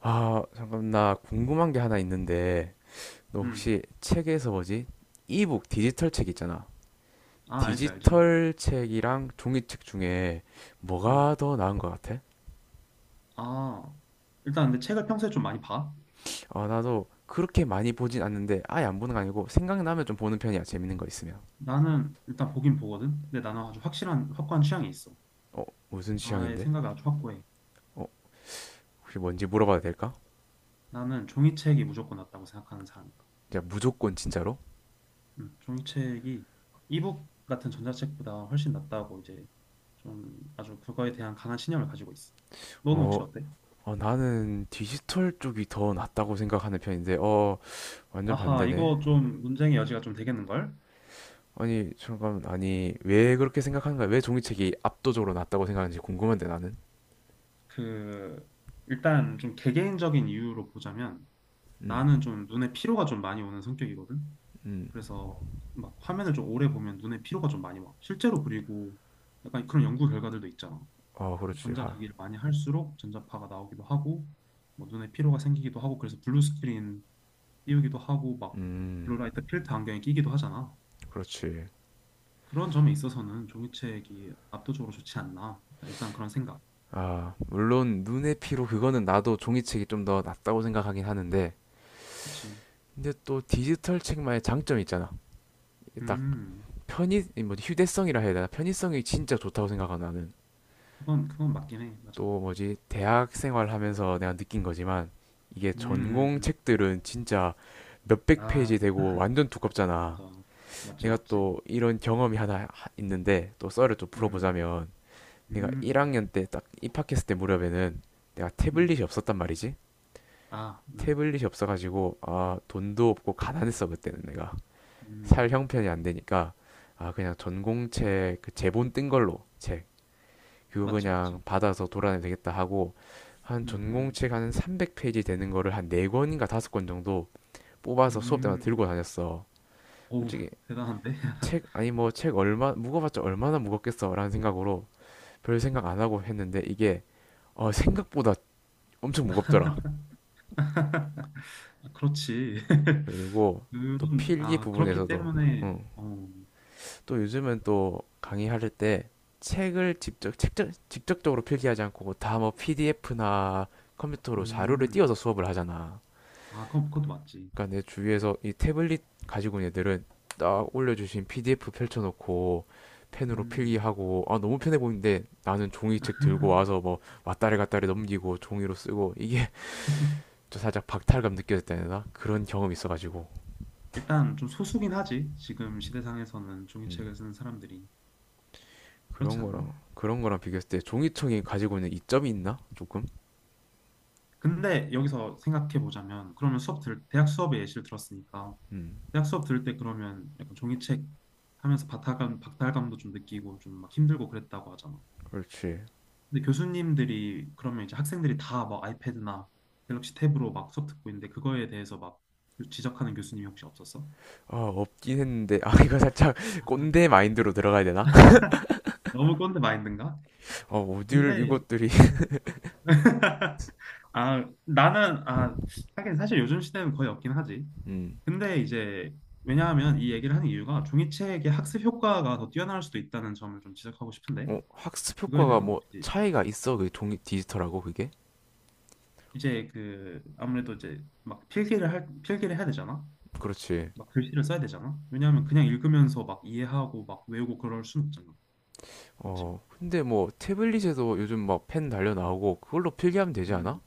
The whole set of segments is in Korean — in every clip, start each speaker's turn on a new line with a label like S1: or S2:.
S1: 아, 잠깐 나 궁금한 게 하나 있는데 너
S2: 음.
S1: 혹시 책에서 뭐지? 이북 디지털 책 있잖아.
S2: 아, 알지, 알지.
S1: 디지털 책이랑 종이책 중에
S2: 음.
S1: 뭐가 더 나은 것 같아?
S2: 아, 일단 근데 책을 평소에 좀 많이 봐?
S1: 아, 나도 그렇게 많이 보진 않는데 아예 안 보는 거 아니고 생각나면 좀 보는 편이야. 재밌는 거 있으면.
S2: 나는 일단 보긴 보거든. 근데 나는 아주 확실한, 확고한 취향이 있어.
S1: 어, 무슨
S2: 나의
S1: 취향인데?
S2: 생각이 아주 확고해.
S1: 어, 혹시 뭔지 물어봐도 될까?
S2: 나는 종이책이 무조건 낫다고 생각하는 사람이야.
S1: 야, 무조건 진짜로?
S2: 종이책이 이북 같은 전자책보다 훨씬 낫다고 이제 좀 아주 그거에 대한 강한 신념을 가지고 있어. 너는
S1: 어,
S2: 혹시 어때?
S1: 나는 디지털 쪽이 더 낫다고 생각하는 편인데, 완전
S2: 아하,
S1: 반대네.
S2: 이거 좀 논쟁의 여지가 좀 되겠는걸?
S1: 아니 잠깐 아니 왜 그렇게 생각하는가? 왜 종이책이 압도적으로 낫다고 생각하는지 궁금한데 나는.
S2: 그, 일단 좀 개개인적인 이유로 보자면
S1: 음,
S2: 나는 좀 눈에 피로가 좀 많이 오는 성격이거든.
S1: 음,
S2: 그래서 막 화면을 좀 오래 보면 눈에 피로가 좀 많이 와. 실제로 그리고 약간 그런 연구 결과들도 있잖아.
S1: 어 그렇지 화.
S2: 전자기기를 많이 할수록 전자파가 나오기도 하고 뭐 눈에 피로가 생기기도 하고 그래서 블루 스크린 띄우기도 하고 막
S1: 음,
S2: 블루라이트 필터 안경에 끼기도 하잖아.
S1: 그렇지.
S2: 그런 점에 있어서는 종이책이 압도적으로 좋지 않나. 일단 그런 생각.
S1: 아 물론 눈의 피로 그거는 나도 종이책이 좀 더 낫다고 생각하긴 하는데
S2: 그치.
S1: 근데 또 디지털 책만의 장점이 있잖아. 딱
S2: 음,
S1: 편의 뭐 휴대성이라 해야 되나? 편의성이 진짜 좋다고 생각하 나는.
S2: 그건 맞긴 해. 맞아.
S1: 또 뭐지 대학 생활하면서 내가 느낀 거지만 이게
S2: 음, 음,
S1: 전공
S2: 음.
S1: 책들은 진짜 몇백
S2: 아,
S1: 페이지 되고 완전 두껍잖아.
S2: 맞아. 맞지,
S1: 내가
S2: 맞지.
S1: 또 이런 경험이 하나 있는데 또 썰을 좀
S2: 음.
S1: 풀어보자면 내가
S2: 음,
S1: 1학년 때 딱 입학했을 때 무렵에는 내가
S2: 음,
S1: 태블릿이 없었단 말이지.
S2: 아,
S1: 태블릿이 없어가지고 아 돈도 없고 가난했어 그때는 내가 살
S2: 음,
S1: 형편이 안 되니까 아 그냥 전공책 그 제본 뜬 걸로 책 그거
S2: 맞지, 맞지.
S1: 그냥 받아서 돌아내면 되겠다 하고 한
S2: 음,
S1: 전공책 한 300페이지 되는 거를 한 네권인가 다섯 권 정도 뽑아서 수업
S2: 음,
S1: 때마다 들고
S2: 음,
S1: 다녔어.
S2: 어우,
S1: 솔직히
S2: 대단한데?
S1: 책 아니 뭐 책 얼마 무거봤자 얼마나 무겁겠어라는 생각으로 별 생각 안 하고 했는데 이게 생각보다 엄청 무겁더라.
S2: 아, 그렇지.
S1: 그리고 또
S2: 그런,
S1: 필기
S2: 아, 그렇기
S1: 부분에서도.
S2: 때문에,
S1: 응.
S2: 어,
S1: 또 요즘은 또 강의할 때 책을 직접 직접적으로 필기하지 않고 다 뭐 PDF나 컴퓨터로 자료를
S2: 음,
S1: 띄워서 수업을 하잖아.
S2: 아, 그건, 그것도 맞지.
S1: 그러니까 내 주위에서 이 태블릿 가지고 있는 애들은 딱 올려주신 PDF 펼쳐놓고 펜으로
S2: 음,
S1: 필기하고 아 너무 편해 보이는데 나는 종이책 들고 와서 뭐 왔다리 갔다리 넘기고 종이로 쓰고 이게 저 살짝 박탈감 느껴졌다 해야 되나 그런 경험이 있어가지고.
S2: 일단 좀 소수긴 하지. 지금 시대상에서는
S1: 음,
S2: 종이책을 쓰는 사람들이.
S1: 그런
S2: 그렇지
S1: 거랑
S2: 않나?
S1: 그런 거랑 비교했을 때 종이청이 가지고 있는 이점이 있나 조금.
S2: 근데 여기서 생각해 보자면, 그러면 대학 수업에 예시를 들었으니까,
S1: 음
S2: 대학 수업 들을 때 그러면 약간 종이책 하면서 박탈감도 좀 느끼고 좀 막 힘들고 그랬다고 하잖아.
S1: 그렇지.
S2: 근데 교수님들이 그러면 이제 학생들이 다 막 아이패드나 갤럭시 탭으로 막 수업 듣고 있는데 그거에 대해서 막 지적하는 교수님이 혹시 없었어?
S1: 아 없긴 했는데 아 이거 살짝 꼰대 마인드로 들어가야 되나.
S2: 너무 꼰대 마인드인가?
S1: 어 어딜
S2: 근데
S1: 이것들이.
S2: 아 나는 아 하긴 사실 요즘 시대는 거의 없긴 하지.
S1: 음.
S2: 근데 이제 왜냐하면 이 얘기를 하는 이유가 종이책의 학습 효과가 더 뛰어날 수도 있다는 점을 좀 지적하고 싶은데
S1: 학습
S2: 이거에
S1: 효과가
S2: 대해서
S1: 뭐
S2: 혹시
S1: 차이가 있어? 그 종이 디지털하고 그게?
S2: 이제 그 아무래도 이제 막 필기를 해야 되잖아.
S1: 그렇지.
S2: 막 글씨를 써야 되잖아. 왜냐하면 그냥 읽으면서 막 이해하고 막 외우고 그럴 순 없잖아. 맞지?
S1: 근데 뭐 태블릿에도 요즘 막 펜 달려 나오고 그걸로 필기하면 되지 않아?
S2: 음,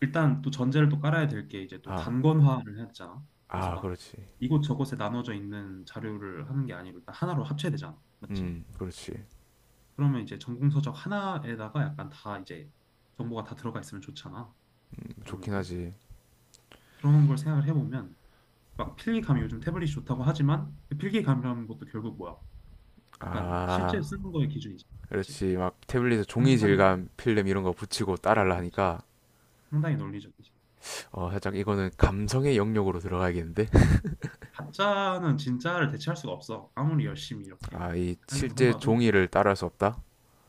S2: 일단 또 전제를 또 깔아야 될 게 이제 또
S1: 아,
S2: 단권화를 해야 되잖아. 그래서
S1: 아,
S2: 막
S1: 그렇지.
S2: 이곳저곳에 나눠져 있는 자료를 하는 게 아니고 일단 하나로 합쳐야 되잖아. 맞지?
S1: 그렇지.
S2: 그러면 이제 전공서적 하나에다가 약간 다 이제 정보가 다 들어가 있으면 좋잖아.
S1: 좋긴
S2: 아무래도
S1: 하지.
S2: 그런 걸 생각을 해보면 막 필기감이 요즘 태블릿이 좋다고 하지만 그 필기감이라는 것도 결국 뭐야? 약간 실제
S1: 아,
S2: 쓰는 거의 기준이지. 그렇지?
S1: 그렇지. 막 태블릿에 종이
S2: 상당히
S1: 질감 필름 이런 거 붙이고
S2: 그치,
S1: 따라하려
S2: 그치.
S1: 하니까
S2: 상당히 논리적이지.
S1: 살짝 이거는 감성의 영역으로 들어가야겠는데?
S2: 가짜는 진짜를 대체할 수가 없어. 아무리 열심히 이렇게
S1: 아, 이
S2: 하려고
S1: 실제
S2: 해봐도.
S1: 종이를 따라할 수 없다?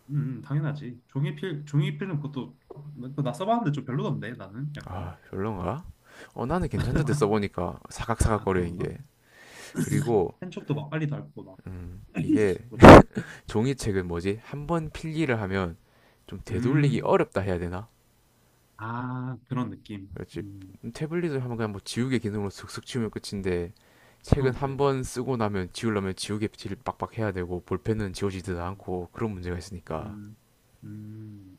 S2: 당연하지. 종이필은 그것도 그거 나 써봤는데 좀 별로던데 나는 약간.
S1: 아, 별론가? 나는 괜찮던데 써보니까
S2: 아
S1: 사각사각거리는
S2: 그런가?
S1: 게. 그리고
S2: 펜촉도 막 빨리 닳고 막
S1: 이게.
S2: 그렇잖아.
S1: 종이책은 뭐지? 한번 필기를 하면 좀 되돌리기
S2: 음,
S1: 어렵다 해야 되나?
S2: 아, 그런 느낌.
S1: 그렇지. 태블릿을 하면 그냥 뭐 지우개 기능으로 슥슥 지우면 끝인데 책은
S2: 그건 그래
S1: 한
S2: 맞아.
S1: 번 쓰고 나면 지우려면 지우개 질 빡빡 해야 되고 볼펜은
S2: 음,
S1: 지워지지도 않고 그런 문제가 있으니까.
S2: 음, 음.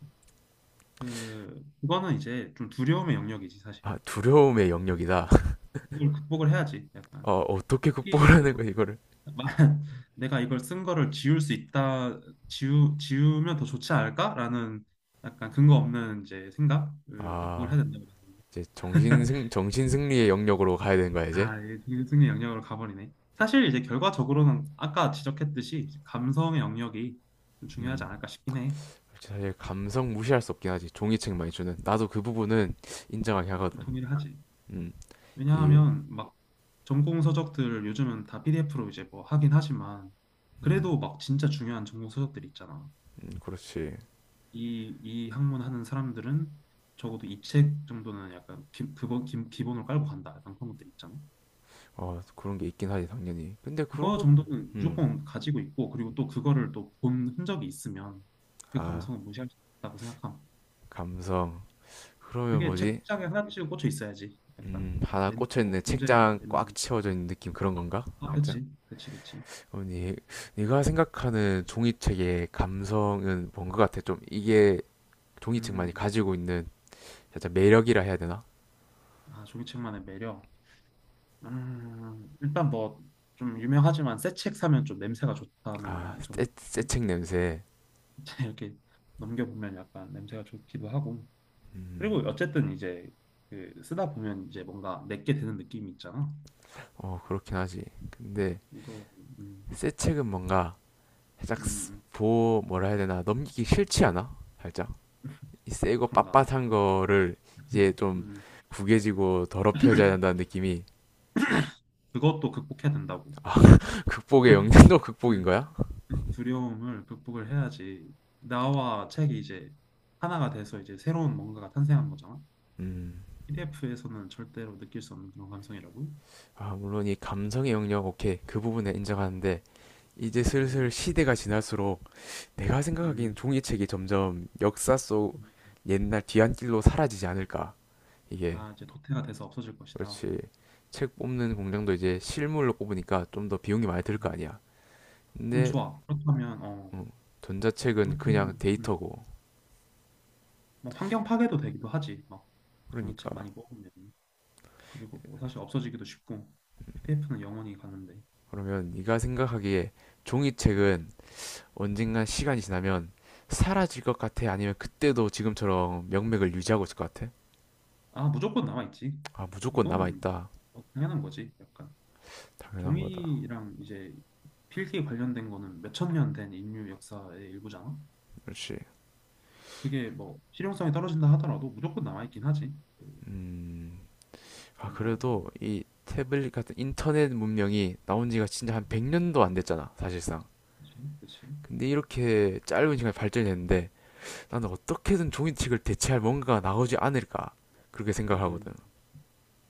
S2: 그거는 이제 좀 두려움의 영역이지 사실.
S1: 아, 두려움의 영역이다.
S2: 이걸 극복을 해야지. 약간
S1: 어떻게
S2: 시기를
S1: 극복하는
S2: 막
S1: 거야 이거를?
S2: 내가 이걸 쓴 거를 지울 수 있다, 지우면 더 좋지 않을까라는 약간 근거 없는 이제 생각을 극복을
S1: 아,
S2: 해야 된다고.
S1: 이제 정신승리의 영역으로 가야 되는 거야 이제?
S2: 아, 이게 되게 승리 영역으로 가버리네. 사실 이제 결과적으로는 아까 지적했듯이 이제 감성의 영역이 좀 중요하지
S1: 음,
S2: 않을까 싶긴 해.
S1: 사실 감성 무시할 수 없긴 하지. 종이책 많이 주는 나도 그 부분은 인정하긴
S2: 좀
S1: 하거든.
S2: 동의를 하지.
S1: 음, 이,
S2: 왜냐하면 막 전공 서적들 요즘은 다 PDF로 이제 뭐 하긴 하지만
S1: 음,
S2: 그래도 막 진짜 중요한 전공 서적들 있잖아.
S1: 그렇지.
S2: 이 학문 하는 사람들은 적어도 이 책 정도는 약간 기본으로 깔고 간다. 약간 그런 것들 있잖아.
S1: 그런 게 있긴 하지, 당연히. 근데 그런
S2: 그거
S1: 것,
S2: 정도는
S1: 음,
S2: 무조건 가지고 있고, 그리고 또 그거를 또 본 흔적이 있으면 그
S1: 아,
S2: 감성은 무시할 수 없다고 생각함.
S1: 감성. 그러면
S2: 그게
S1: 뭐지?
S2: 책장에 하나씩 꽂혀 있어야지. 약간
S1: 하나
S2: 뭐
S1: 꽂혀있는
S2: 문제가
S1: 책장 꽉
S2: 되면.
S1: 채워져 있는 느낌 그런 건가?
S2: 아,
S1: 살짝?
S2: 그치, 그치, 그치.
S1: 어, 니, 네가 생각하는 종이책의 감성은 뭔 것 같아? 좀 이게 종이책만이
S2: 음,
S1: 가지고 있는 살짝 매력이라 해야 되나?
S2: 아, 종이책만의 매력. 일단 뭐 좀 유명하지만 새 책 사면 좀 냄새가
S1: 아,
S2: 좋다는
S1: 새,
S2: 점이 있지.
S1: 새책 냄새.
S2: 이렇게 넘겨보면 약간 냄새가 좋기도 하고 그리고
S1: 음,
S2: 어쨌든 이제 그 쓰다 보면 이제 뭔가 내게 되는 느낌이 있잖아.
S1: 그렇긴 하지. 근데
S2: 이거. 음,
S1: 새 책은 뭔가 살짝
S2: 음,
S1: 보 뭐라 해야 되나 넘기기 싫지 않아? 살짝 이 새거
S2: 그런가?
S1: 빳빳한 거를 이제 좀
S2: 음
S1: 구겨지고 더럽혀져야 한다는 느낌이.
S2: 그것도 극복해야 된다고.
S1: 아. 극복의 영역도
S2: 네,
S1: 극복인 거야?
S2: 이 두려움을 극복을 해야지 나와 책이 이제 하나가 돼서 이제 새로운 뭔가가 탄생한 거잖아.
S1: 음.
S2: PDF에서는 절대로 느낄 수 없는 그런 감성이라고.
S1: 아 물론 이 감성의 영역 오케이 그 부분에 인정하는데 이제 슬슬
S2: 음,
S1: 시대가 지날수록 내가 생각하기엔
S2: 음.
S1: 종이책이 점점 역사 속 옛날 뒤안길로 사라지지 않을까 이게.
S2: 아, 이제 도태가 돼서 없어질 것이다.
S1: 그렇지. 책 뽑는 공장도 이제 실물로 뽑으니까 좀 더 비용이 많이 들 거
S2: 음,
S1: 아니야. 근데
S2: 좋아, 그렇다면, 어.
S1: 어, 전자책은 그냥
S2: 그렇다면
S1: 데이터고.
S2: 막 환경 파괴도 되기도 하지. 막
S1: 그러니까.
S2: 종이책 많이 뽑으면. 그리고 뭐 사실 없어지기도 쉽고. PDF는 영원히 가는데.
S1: 그러면 네가 생각하기에
S2: 음.
S1: 종이책은 언젠간 시간이 지나면 사라질 것 같아? 아니면 그때도 지금처럼 명맥을 유지하고 있을 것 같아?
S2: 아, 무조건 남아 있지.
S1: 아, 무조건
S2: 이거는
S1: 남아있다.
S2: 뭐 당연한 거지. 약간
S1: 당연한 거다.
S2: 종이랑 이제 필기 관련된 거는 몇천 년 된 인류 역사의 일부잖아.
S1: 역시.
S2: 그게 뭐 실용성이 떨어진다 하더라도 무조건 남아 있긴 하지. 그,
S1: 음. 아,
S2: 뭐
S1: 그래도 이 태블릿 같은 인터넷 문명이 나온 지가 진짜 한 100년도 안 됐잖아, 사실상.
S2: 그치? 그치?
S1: 근데 이렇게 짧은 시간에 발전이 됐는데 나는 어떻게든 종이책을 대체할 뭔가가 나오지 않을까. 그렇게 생각하거든.
S2: 음.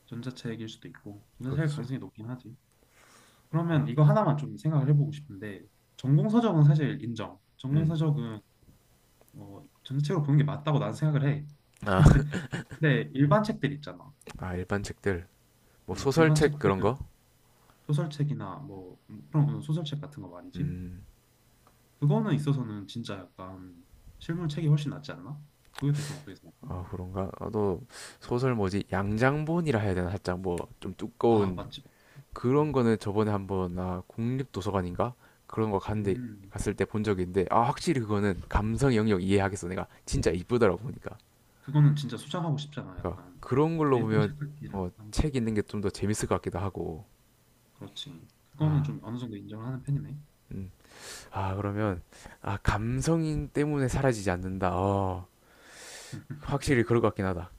S2: 전자책일 수도 있고 전자책일
S1: 그렇지.
S2: 가능성이 높긴 하지. 그러면 이거 하나만 좀 생각을 해보고 싶은데 전공 서적은 사실 인정. 전공
S1: 음.
S2: 서적은 뭐 전체적으로 보는 게 맞다고 난 생각을 해.
S1: 아.
S2: 근데 일반 책들 있잖아.
S1: 아, 일반 책들. 뭐
S2: 일반
S1: 소설책
S2: 책들
S1: 그런 거?
S2: 소설책이나 뭐 그런 소설책 같은 거 말이지.
S1: 음.
S2: 그거는 있어서는 진짜 약간 실물책이 훨씬 낫지 않나? 그거에 대해서는 어떻게 생각해?
S1: 아, 그런가? 아, 너 소설 뭐지? 양장본이라 해야 되나? 살짝 뭐 좀
S2: 아
S1: 두꺼운
S2: 맞지 맞지.
S1: 그런
S2: 음,
S1: 거는 저번에 한번 아, 국립도서관인가? 그런 거 갔는데
S2: 음
S1: 갔을 때 본 적이 있는데 아, 확실히 그거는 감성 영역 이해하겠어. 내가 진짜 이쁘더라고 보니까.
S2: 그거는 진짜 소장하고 싶잖아.
S1: 그러니까
S2: 약간
S1: 그런
S2: 또
S1: 걸로
S2: 예쁜
S1: 보면
S2: 책 읽기랑 함께.
S1: 책 읽는 게 좀 더 재밌을 것 같기도 하고.
S2: 그렇지. 그거는
S1: 아.
S2: 좀 어느 정도 인정을 하는 편이네.
S1: 음. 아, 그러면 아,
S2: 음.
S1: 감성 때문에 사라지지 않는다. 어. 확실히 그럴 것 같긴 하다.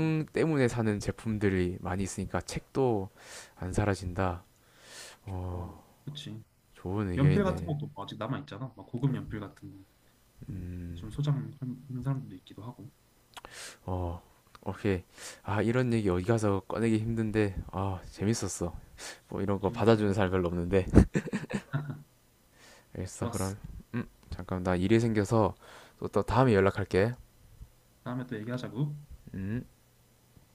S2: 음.
S1: 때문에 사는 제품들이 많이 있으니까 책도 안 사라진다.
S2: 어,
S1: 어,
S2: 그치.
S1: 좋은
S2: 연필 같은
S1: 의견이네.
S2: 것도 뭐 아직 남아 있잖아. 막 고급 연필 같은 거.
S1: 음,
S2: 뭐좀 소장하는 사람들도 있기도 하고.
S1: 어, 오케이. 아, 이런 얘기 어디 가서 꺼내기 힘든데, 아, 재밌었어. 뭐 이런 거
S2: 정말
S1: 받아주는
S2: 재미난
S1: 사람
S2: 얘기야.
S1: 별로 없는데. 알겠어. 그럼
S2: 좋았어.
S1: 잠깐 나 일이 생겨서 또 다음에 연락할게.
S2: 다음에 또 얘기하자고.
S1: 음.